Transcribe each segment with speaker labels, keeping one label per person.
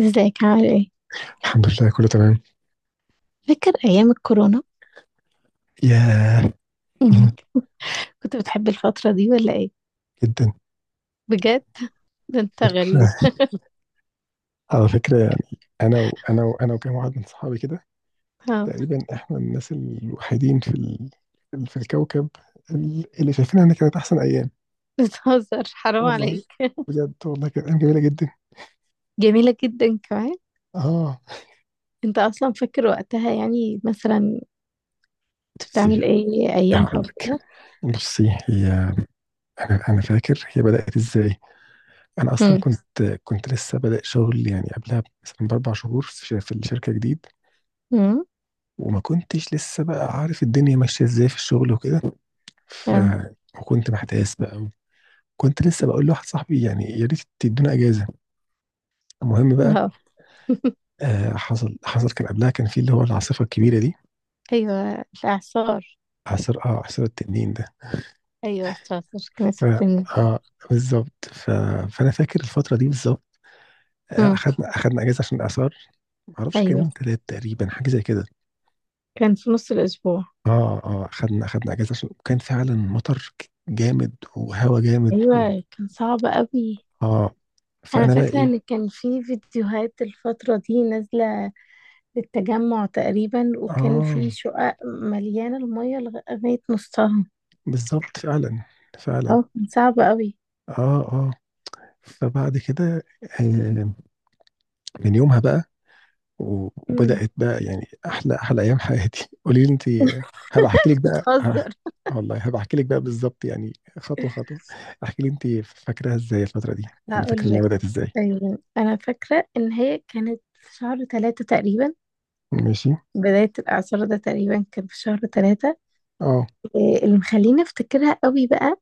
Speaker 1: ازيك عامل ايه؟
Speaker 2: الحمد لله كله تمام.
Speaker 1: فاكر أيام الكورونا؟
Speaker 2: ياه.
Speaker 1: مم. كنت بتحب الفترة دي ولا ايه؟
Speaker 2: جدا.
Speaker 1: بجد. ده انت غريب.
Speaker 2: فكرة على فكرة، يعني أنا وأنا وأنا وكام واحد من صحابي كده
Speaker 1: ها.
Speaker 2: تقريبا إحنا الناس الوحيدين في الكوكب اللي شايفين إن كانت أحسن أيام.
Speaker 1: بتهزر، حرام
Speaker 2: والله
Speaker 1: عليك.
Speaker 2: بجد والله كانت أيام جميلة جدا.
Speaker 1: جميلة جدا كمان.
Speaker 2: آه.
Speaker 1: انت أصلا فاكر وقتها يعني مثلا كنت
Speaker 2: بصي
Speaker 1: بتعمل ايه أيامها
Speaker 2: هقول لك.
Speaker 1: وكده؟
Speaker 2: بصي هي أنا فاكر هي بدأت إزاي. أنا أصلا
Speaker 1: مم.
Speaker 2: كنت لسه بادئ شغل، يعني قبلها مثلا ب4 شهور، في الشركة جديد،
Speaker 1: مم.
Speaker 2: وما كنتش لسه بقى عارف الدنيا ماشية ازاي في الشغل وكده. ف
Speaker 1: اه،
Speaker 2: وكنت محتاس بقى، كنت لسه بقول لواحد صاحبي يعني يا ريت تدونا اجازة. المهم بقى،
Speaker 1: اه.
Speaker 2: آه، حصل كان قبلها، كان في اللي هو العاصفة الكبيرة دي،
Speaker 1: أيوه، الإعصار.
Speaker 2: عصر التنين ده.
Speaker 1: أيوه، الإعصار. كانت
Speaker 2: ف
Speaker 1: بتنجح.
Speaker 2: اه بالظبط. فانا فاكر الفترة دي بالظبط.
Speaker 1: مم.
Speaker 2: اخدنا اجازة عشان الاعصار. معرفش كان
Speaker 1: أيوه،
Speaker 2: يوم تلات تقريبا، حاجة زي كده.
Speaker 1: كان في نص الأسبوع.
Speaker 2: اه اخدنا اجازة عشان كان فعلا مطر جامد وهوا جامد
Speaker 1: أيوه كان صعب قوي.
Speaker 2: اه
Speaker 1: أنا
Speaker 2: فانا بقى
Speaker 1: فاكرة
Speaker 2: ايه،
Speaker 1: إن كان في فيديوهات الفترة دي نازلة للتجمع تقريبا، وكان في
Speaker 2: اه
Speaker 1: شقق مليانة المية لغاية نصها.
Speaker 2: بالظبط فعلا. فعلا.
Speaker 1: اه كان صعب قوي.
Speaker 2: اه. اه. فبعد كده، آه، من يومها بقى،
Speaker 1: مم.
Speaker 2: وبدأت بقى يعني احلى ايام حياتي. قولي لي انت. هبقى احكي لك بقى.
Speaker 1: بتهزر.
Speaker 2: والله هبقى احكي لك بقى بالظبط يعني، خطوة خطوة. احكي لي انت، فاكراها ازاي الفترة دي؟ يعني فاكرة
Speaker 1: هقول
Speaker 2: انها
Speaker 1: لك.
Speaker 2: بدأت ازاي؟
Speaker 1: أيوة. أنا فاكرة إن هي كانت في شهر ثلاثة تقريبا،
Speaker 2: ماشي.
Speaker 1: بداية الإعصار ده تقريبا كان في شهر ثلاثة.
Speaker 2: اه.
Speaker 1: إيه اللي مخليني أفتكرها قوي بقى؟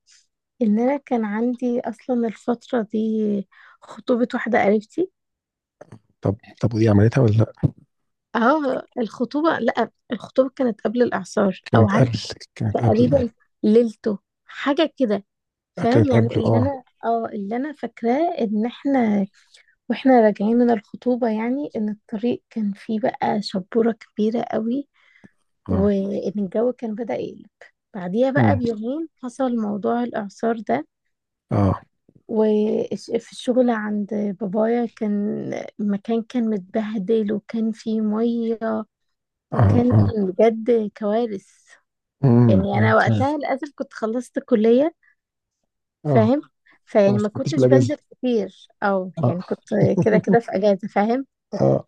Speaker 1: إن أنا كان عندي أصلا الفترة دي خطوبة واحدة قريبتي.
Speaker 2: طب ودي عملتها ولا لا؟
Speaker 1: اه الخطوبة، لأ الخطوبة كانت قبل الإعصار، أو
Speaker 2: كانت
Speaker 1: عارف،
Speaker 2: قبل. كانت قبل.
Speaker 1: تقريبا ليلته، حاجة كده.
Speaker 2: لا، كانت
Speaker 1: فاهم؟ يعني
Speaker 2: قبل.
Speaker 1: اللي
Speaker 2: اه،
Speaker 1: انا اه اللي انا فاكراه ان احنا واحنا راجعين من الخطوبة، يعني ان الطريق كان فيه بقى شبورة كبيرة قوي،
Speaker 2: اه.
Speaker 1: وان الجو كان بدأ يقلب. بعديها بقى
Speaker 2: مم.
Speaker 1: بيومين حصل موضوع الإعصار ده.
Speaker 2: اه،
Speaker 1: وفي الشغل عند بابايا كان المكان كان متبهدل، وكان فيه مية،
Speaker 2: اه،
Speaker 1: وكان
Speaker 2: اه.
Speaker 1: بجد كوارث.
Speaker 2: مم.
Speaker 1: يعني
Speaker 2: مم.
Speaker 1: أنا وقتها للأسف كنت خلصت كلية،
Speaker 2: اه،
Speaker 1: فاهم؟
Speaker 2: فما
Speaker 1: فيعني ما
Speaker 2: استفدتش
Speaker 1: كنتش
Speaker 2: بالاجازة.
Speaker 1: بنزل كتير، او
Speaker 2: اه.
Speaker 1: يعني كنت كده كده في اجازه، فاهم؟
Speaker 2: اه،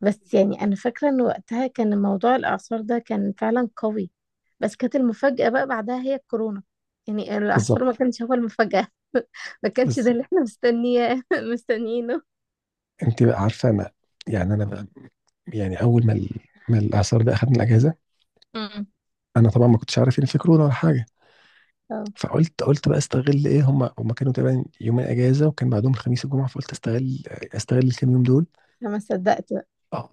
Speaker 1: بس يعني انا فاكره ان وقتها كان موضوع الاعصار ده كان فعلا قوي، بس كانت المفاجاه بقى بعدها هي الكورونا. يعني الاعصار ما
Speaker 2: بالظبط.
Speaker 1: كانش هو المفاجاه. ما كانش
Speaker 2: بس
Speaker 1: ده اللي احنا مستنياه، مستنيينه.
Speaker 2: انت بقى عارفه، انا يعني انا بقى، يعني اول ما ما الاعصار ده اخدني الاجازه،
Speaker 1: امم
Speaker 2: انا طبعا ما كنتش عارف ان في كورونا ولا حاجه.
Speaker 1: اه.
Speaker 2: فقلت بقى استغل ايه، هم كانوا تقريبا يومين اجازه وكان بعدهم الخميس والجمعه، فقلت استغل الكام يوم دول.
Speaker 1: أنا ما صدقت بقى.
Speaker 2: اه،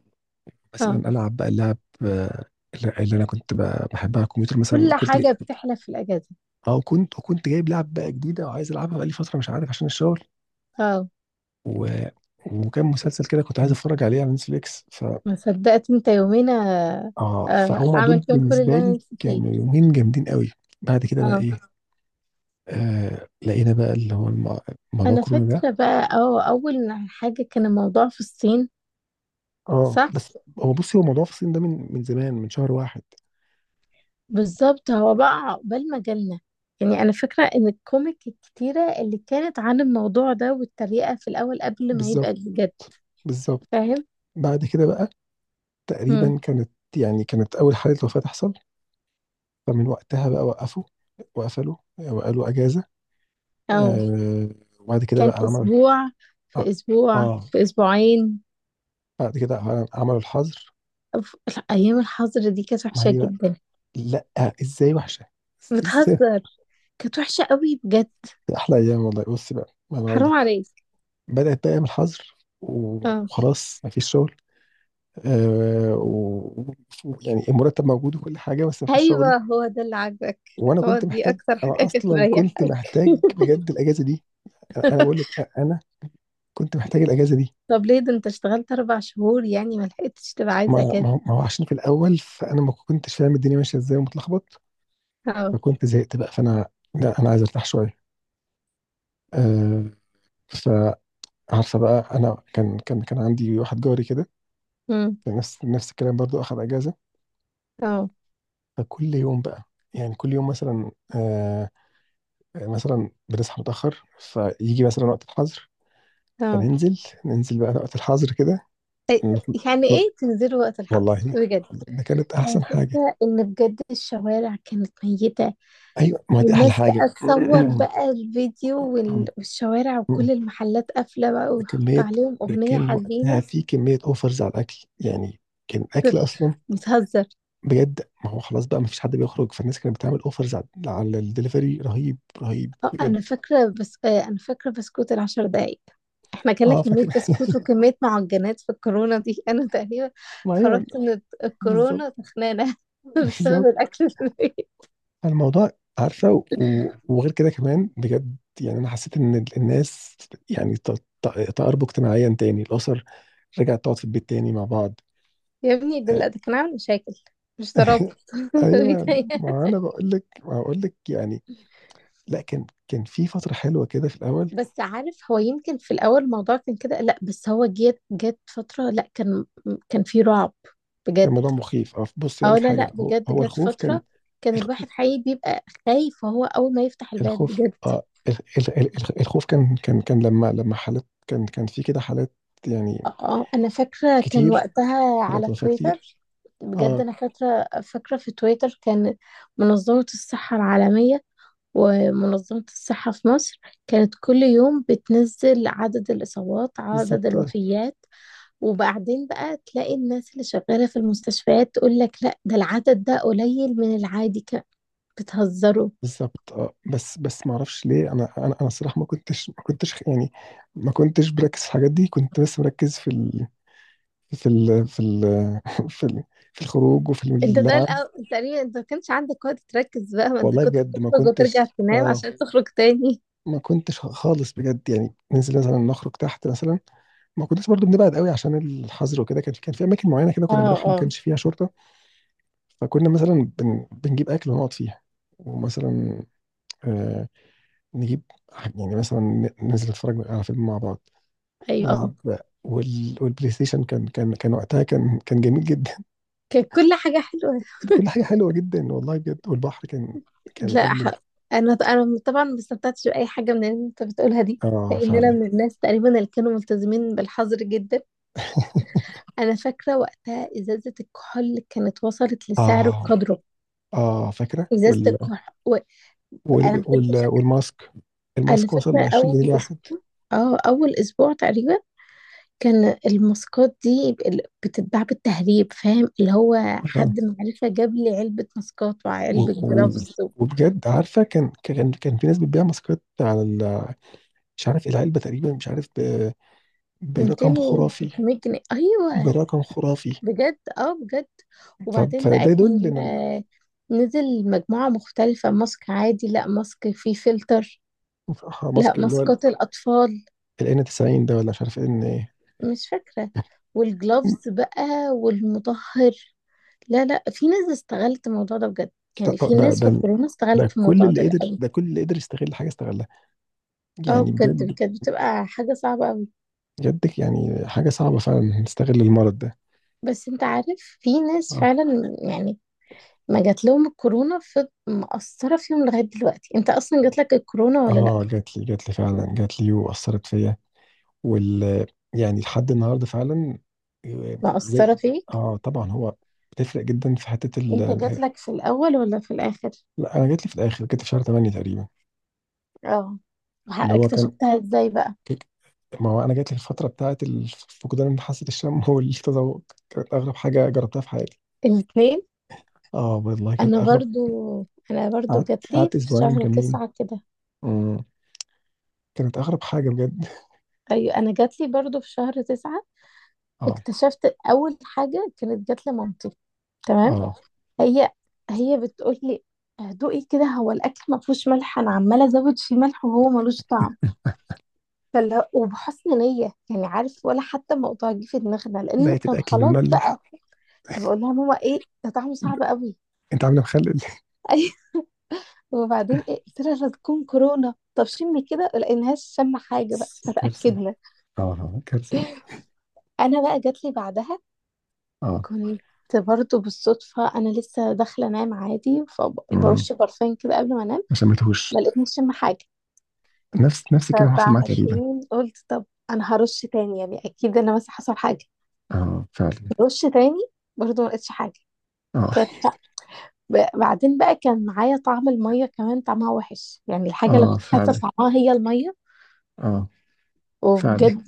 Speaker 1: اه.
Speaker 2: مثلا العب بقى اللعب، آه، اللي انا كنت بحبها على الكمبيوتر مثلا،
Speaker 1: كل حاجه بتحلف في الاجازه.
Speaker 2: وكنت جايب لعب بقى جديده وعايز العبها بقى لي فتره، مش عارف، عشان الشغل،
Speaker 1: اه،
Speaker 2: و... وكان مسلسل كده كنت عايز اتفرج عليه على نتفليكس.
Speaker 1: ما صدقت. انت يومين
Speaker 2: اه فهم
Speaker 1: اعمل
Speaker 2: دول
Speaker 1: فيهم كل
Speaker 2: بالنسبه
Speaker 1: اللي انا
Speaker 2: لي
Speaker 1: نفسي فيه.
Speaker 2: كانوا يومين جامدين قوي. بعد كده بقى
Speaker 1: اه،
Speaker 2: ايه، آه، لقينا بقى اللي هو موضوع
Speaker 1: انا
Speaker 2: كورونا ده.
Speaker 1: فاكره بقى. اه، اول حاجه كان الموضوع في الصين.
Speaker 2: اه
Speaker 1: صح،
Speaker 2: بس هو بصي، موضوع في الصين ده من زمان، من شهر واحد.
Speaker 1: بالظبط هو بقى عقبال ما جالنا. يعني انا فاكره ان الكوميك الكتيره اللي كانت عن الموضوع ده، والتريقه في الاول قبل ما يبقى
Speaker 2: بالظبط.
Speaker 1: الجد،
Speaker 2: بالظبط.
Speaker 1: فاهم؟
Speaker 2: بعد كده بقى
Speaker 1: مم.
Speaker 2: تقريبا، كانت اول حاله وفاه تحصل، فمن وقتها بقى وقفوا، وقفلوا وقالوا اجازه.
Speaker 1: او
Speaker 2: آه. وبعد كده
Speaker 1: كان
Speaker 2: بقى عملوا
Speaker 1: اسبوع، في
Speaker 2: اه
Speaker 1: اسبوع،
Speaker 2: آه،
Speaker 1: في اسبوعين.
Speaker 2: بعد كده عملوا الحظر.
Speaker 1: لا، ايام الحظر دي كانت
Speaker 2: ما
Speaker 1: وحشه
Speaker 2: هي بقى،
Speaker 1: جدا.
Speaker 2: لا، ازاي وحشه!
Speaker 1: بتهزر، كانت وحشه قوي بجد.
Speaker 2: احلى ايام والله، بص بقى ما انا اقول
Speaker 1: حرام
Speaker 2: لك.
Speaker 1: عليك.
Speaker 2: بدات بقى ايام الحظر
Speaker 1: اه.
Speaker 2: وخلاص ما فيش شغل، آه و... يعني المرتب موجود وكل حاجه، بس ما فيش شغل.
Speaker 1: ايوه هو ده اللي عاجبك.
Speaker 2: وانا
Speaker 1: هو
Speaker 2: كنت
Speaker 1: دي
Speaker 2: محتاج
Speaker 1: اكتر حاجه
Speaker 2: انا
Speaker 1: كانت
Speaker 2: اصلا كنت
Speaker 1: مريحاك.
Speaker 2: محتاج بجد الاجازه دي. انا بقول لك، انا كنت محتاج الاجازه دي.
Speaker 1: طب ليه؟ ده انت اشتغلت اربع شهور يعني، ما لحقتش تبقى
Speaker 2: ما
Speaker 1: عايز
Speaker 2: ما
Speaker 1: اجازه.
Speaker 2: هو ما هو عشان في الاول فانا ما كنتش فاهم الدنيا ماشيه ازاي ومتلخبط،
Speaker 1: اه.
Speaker 2: فكنت زهقت بقى. لا، انا عايز ارتاح شويه. آه فعارفه بقى، انا كان عندي واحد جاري كده
Speaker 1: امم.
Speaker 2: نفس الكلام، برضو اخذ اجازه.
Speaker 1: اه.
Speaker 2: فكل يوم بقى، يعني كل يوم مثلا، آه مثلا بنصحى متأخر، فيجي مثلا وقت الحظر،
Speaker 1: اه.
Speaker 2: فننزل بقى وقت الحظر كده، نخ-
Speaker 1: يعني
Speaker 2: نخ-
Speaker 1: ايه تنزلوا وقت الحظ
Speaker 2: والله
Speaker 1: بجد؟
Speaker 2: ده كانت
Speaker 1: انا
Speaker 2: أحسن حاجة.
Speaker 1: فاكره ان بجد الشوارع كانت ميته،
Speaker 2: أيوة، ما دي أحلى
Speaker 1: والناس
Speaker 2: حاجة.
Speaker 1: بقى تصور بقى الفيديو والشوارع وكل المحلات قافله بقى،
Speaker 2: ده
Speaker 1: ويحط
Speaker 2: كمية
Speaker 1: عليهم
Speaker 2: ده
Speaker 1: اغنيه
Speaker 2: كان وقتها
Speaker 1: حزينه.
Speaker 2: في كمية أوفرز على الأكل يعني. كان الأكل أصلا،
Speaker 1: بتهزر.
Speaker 2: بجد، ما هو خلاص بقى ما فيش حد بيخرج، فالناس كانت بتعمل أوفرز على الدليفري رهيب رهيب
Speaker 1: اه
Speaker 2: بجد.
Speaker 1: انا فاكره، بس انا فاكره بسكوت العشر دقايق. احنا كنا
Speaker 2: أه فاكر.
Speaker 1: كميه بسكوت وكميه معجنات في الكورونا دي. انا تقريبا
Speaker 2: ما أيوة،
Speaker 1: خرجت من الكورونا
Speaker 2: بالظبط.
Speaker 1: تخنانه بسبب
Speaker 2: بالظبط.
Speaker 1: الاكل في البيت.
Speaker 2: الموضوع، عارفه، وغير كده كمان بجد، يعني انا حسيت ان الناس يعني ت- تقاربوا اجتماعيا تاني، الاسر رجعت تقعد في البيت تاني مع بعض.
Speaker 1: يا ابني ده لا،
Speaker 2: آه،
Speaker 1: ده كان عامل مشاكل مش ترابط.
Speaker 2: ايوه،
Speaker 1: بيتهيألي.
Speaker 2: ما بقول لك يعني، لا كان في فتره حلوه كده في الاول.
Speaker 1: بس عارف، هو يمكن في الاول الموضوع كان كده، لا بس هو جت فتره لا كان كان في رعب
Speaker 2: كان
Speaker 1: بجد.
Speaker 2: موضوع مخيف، بصي اقول
Speaker 1: اه
Speaker 2: لك
Speaker 1: لا لا،
Speaker 2: حاجه، هو
Speaker 1: بجد
Speaker 2: هو
Speaker 1: جت
Speaker 2: الخوف كان،
Speaker 1: فتره كان
Speaker 2: الخ-
Speaker 1: الواحد حقيقي بيبقى خايف وهو اول ما يفتح الباب
Speaker 2: الخوف.
Speaker 1: بجد.
Speaker 2: الخوف كان لما لما حالات، كان في كده حالات يعني
Speaker 1: اه انا فاكره كان
Speaker 2: كتير،
Speaker 1: وقتها
Speaker 2: حالات
Speaker 1: على
Speaker 2: وفاه
Speaker 1: تويتر.
Speaker 2: كتير.
Speaker 1: بجد
Speaker 2: اه.
Speaker 1: انا فاكره في تويتر كان منظمه الصحه العالميه، ومنظمه الصحه في مصر، كانت كل يوم بتنزل عدد الاصابات، عدد
Speaker 2: بالظبط.
Speaker 1: الوفيات. وبعدين بقى تلاقي الناس اللي شغاله في المستشفيات تقول لك لا، ده العدد ده قليل من العادي كان. بتهزروا.
Speaker 2: بالظبط. اه، بس ما اعرفش ليه، انا انا الصراحه ما كنتش يعني، ما كنتش بركز في الحاجات دي، كنت بس مركز في ال في, ال في الخروج وفي
Speaker 1: انت ده
Speaker 2: اللعب.
Speaker 1: الأول تقريبا انت ما كانش عندك وقت تركز بقى، ما انت
Speaker 2: والله
Speaker 1: كنت
Speaker 2: بجد
Speaker 1: بتخرج وترجع تنام
Speaker 2: اه
Speaker 1: عشان تخرج تاني.
Speaker 2: ما كنتش خالص بجد، يعني ننزل مثلا نخرج تحت مثلا، ما كنتش برضو بنبعد قوي عشان الحظر وكده. كان في اماكن معينه كده
Speaker 1: اه.
Speaker 2: كنا بنروحها، ما
Speaker 1: اه.
Speaker 2: كانش فيها شرطه، فكنا مثلا بنجيب اكل ونقعد فيها. ومثلا، آه نجيب يعني مثلا ن- ننزل نتفرج على فيلم مع بعض،
Speaker 1: ايوه
Speaker 2: نلعب، والبلاي ستيشن كان كان كان وقتها كان جميل جدا.
Speaker 1: كانت كل حاجة حلوة.
Speaker 2: كل حاجه حلوه جدا، والله بجد. والبحر كان
Speaker 1: لا ح...
Speaker 2: قبل.
Speaker 1: أنا طبعا ما استمتعتش بأي حاجة من اللي أنت بتقولها دي،
Speaker 2: اه،
Speaker 1: لأن أنا
Speaker 2: فعلا.
Speaker 1: من الناس تقريبا اللي كانوا ملتزمين بالحظر جدا. أنا فاكرة وقتها إزازة الكحول كانت وصلت لسعر
Speaker 2: اه،
Speaker 1: بقدره.
Speaker 2: اه، فاكره،
Speaker 1: إزازة الكحول و... أنا بجد فاكرة.
Speaker 2: والماسك،
Speaker 1: أنا
Speaker 2: الماسك وصل ل
Speaker 1: فاكرة
Speaker 2: 20
Speaker 1: أول
Speaker 2: جنيه الواحد.
Speaker 1: أسبوع، اه أول أسبوع تقريبا كان الماسكات دي بتتباع بالتهريب، فاهم اللي هو
Speaker 2: آه.
Speaker 1: حد معرفة جاب لي علبة ماسكات
Speaker 2: و...
Speaker 1: وعلبة
Speaker 2: و...
Speaker 1: جلافز
Speaker 2: وبجد، عارفه، كان في ناس بتبيع ماسكات على مش عارف العلبه تقريبا، مش عارف
Speaker 1: ب 200
Speaker 2: برقم
Speaker 1: و
Speaker 2: خرافي.
Speaker 1: 300 جنيه، ايوه.
Speaker 2: برقم خرافي.
Speaker 1: بجد اه بجد. وبعدين
Speaker 2: فده
Speaker 1: بقى
Speaker 2: يدل
Speaker 1: كان
Speaker 2: ان،
Speaker 1: نزل مجموعة مختلفة، ماسك عادي، لا ماسك فيه فلتر، لا
Speaker 2: ماسك اللي هو ال
Speaker 1: ماسكات الأطفال،
Speaker 2: N90 ده، ولا مش عارف ان.
Speaker 1: مش فاكرة. والجلوفز بقى، والمطهر. لا لا، في ناس استغلت الموضوع ده بجد. يعني
Speaker 2: طب
Speaker 1: في
Speaker 2: ده،
Speaker 1: ناس في الكورونا استغلت في
Speaker 2: ده كل
Speaker 1: الموضوع
Speaker 2: اللي
Speaker 1: ده
Speaker 2: قدر،
Speaker 1: قوي.
Speaker 2: يستغل حاجه استغلها،
Speaker 1: اه
Speaker 2: يعني
Speaker 1: بجد
Speaker 2: بجد.
Speaker 1: كانت بتبقى حاجة صعبة قوي.
Speaker 2: بجد يعني حاجه صعبه فعلا نستغل المرض ده.
Speaker 1: بس انت عارف، في ناس
Speaker 2: اه.
Speaker 1: فعلا يعني ما جات لهم الكورونا في مأثرة فيهم لغاية دلوقتي. انت اصلا جات لك الكورونا ولا لا؟
Speaker 2: اه، جات لي فعلا، جات لي واثرت فيا وال يعني لحد النهارده فعلا. آه، زي
Speaker 1: مأثرة فيك؟
Speaker 2: اه طبعا هو بتفرق جدا في حته
Speaker 1: انت جاتلك في الاول ولا في الاخر؟
Speaker 2: لا، انا جات لي في الاخر، جات لي في شهر 8 تقريبا.
Speaker 1: اه
Speaker 2: اللي هو كان
Speaker 1: اكتشفتها ازاي بقى؟
Speaker 2: كيك- ما هو انا جات لي الفتره بتاعت فقدان حاسه الشم والتذوق. كانت اغرب حاجه جربتها في حياتي.
Speaker 1: الاثنين.
Speaker 2: اه والله كانت
Speaker 1: انا
Speaker 2: اغرب.
Speaker 1: برضو، انا
Speaker 2: قعدت
Speaker 1: جاتلي
Speaker 2: قعدت
Speaker 1: في
Speaker 2: اسبوعين
Speaker 1: شهر
Speaker 2: كاملين.
Speaker 1: تسعة كده.
Speaker 2: مم. كانت اغرب حاجه بجد.
Speaker 1: ايوه انا جاتلي برضو في شهر تسعة.
Speaker 2: اه،
Speaker 1: اكتشفت اول حاجة كانت جاتلي مامتي، تمام؟
Speaker 2: اه،
Speaker 1: هي، هي بتقول لي دوقي كده، هو الاكل ما فيهوش ملح، انا عماله ازود فيه ملح وهو ملوش طعم. وبحسن نيه يعني، عارف، ولا حتى موضوع جه في دماغنا لان
Speaker 2: لقيت
Speaker 1: كان
Speaker 2: الاكل
Speaker 1: خلاص
Speaker 2: المملح،
Speaker 1: بقى. فبقول لها ماما ايه ده طعمه صعب قوي.
Speaker 2: انت عامله مخلل.
Speaker 1: وبعدين ايه قلت لها لا تكون كورونا، طب شمي كده، لقيناهاش شم حاجه بقى.
Speaker 2: كارثه.
Speaker 1: فتاكدنا.
Speaker 2: كارثه دي.
Speaker 1: انا بقى جات لي بعدها،
Speaker 2: اه.
Speaker 1: كنت برضه بالصدفه انا لسه داخله انام عادي،
Speaker 2: مم.
Speaker 1: فبرش برفان كده قبل ما انام،
Speaker 2: ما سميتهوش.
Speaker 1: ما لقيتنيش شم حاجه.
Speaker 2: نفس الكلام حصل معايا تقريبا.
Speaker 1: فبعدين قلت طب انا هرش تاني يعني، اكيد انا مثلا حصل حاجه.
Speaker 2: اه فعلا.
Speaker 1: رش تاني، برضه ما لقيتش حاجه.
Speaker 2: اه،
Speaker 1: كانت بعدين بقى كان معايا طعم الميه كمان، طعمها وحش، يعني الحاجه اللي
Speaker 2: اه
Speaker 1: كنت حاسه
Speaker 2: فعلا.
Speaker 1: طعمها هي الميه.
Speaker 2: اه فعلا.
Speaker 1: وبجد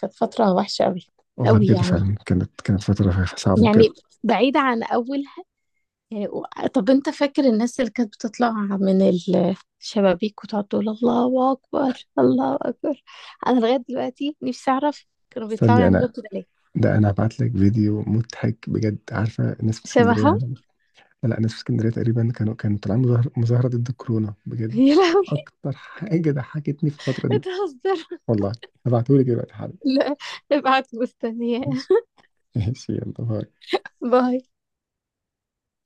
Speaker 1: كانت فترة وحشة أوي.
Speaker 2: والله
Speaker 1: أوي
Speaker 2: بجد
Speaker 1: يعني،
Speaker 2: فعلا، كانت فتره صعبه بجد.
Speaker 1: يعني بعيدة عن أولها. يعني و- طب أنت فاكر الناس اللي كانت بتطلع من الشبابيك وتقعد تقول الله أكبر، الله أكبر؟ أنا لغاية دلوقتي نفسي أعرف كانوا بيطلعوا
Speaker 2: استني
Speaker 1: يعملوا
Speaker 2: انا،
Speaker 1: كده ليه.
Speaker 2: ده هبعت لك فيديو مضحك بجد. عارفه الناس في اسكندريه،
Speaker 1: شبههم.
Speaker 2: لا، الناس في اسكندريه تقريبا كانوا طالعين مظاهره ضد الكورونا، بجد.
Speaker 1: يا لهوي.
Speaker 2: اكتر حاجه ضحكتني في الفتره دي.
Speaker 1: بتهزر.
Speaker 2: والله هبعتهولك دلوقتي حالا.
Speaker 1: لا، ابعت، مستنية.
Speaker 2: ماشي. ماشي، يلا باي.
Speaker 1: باي.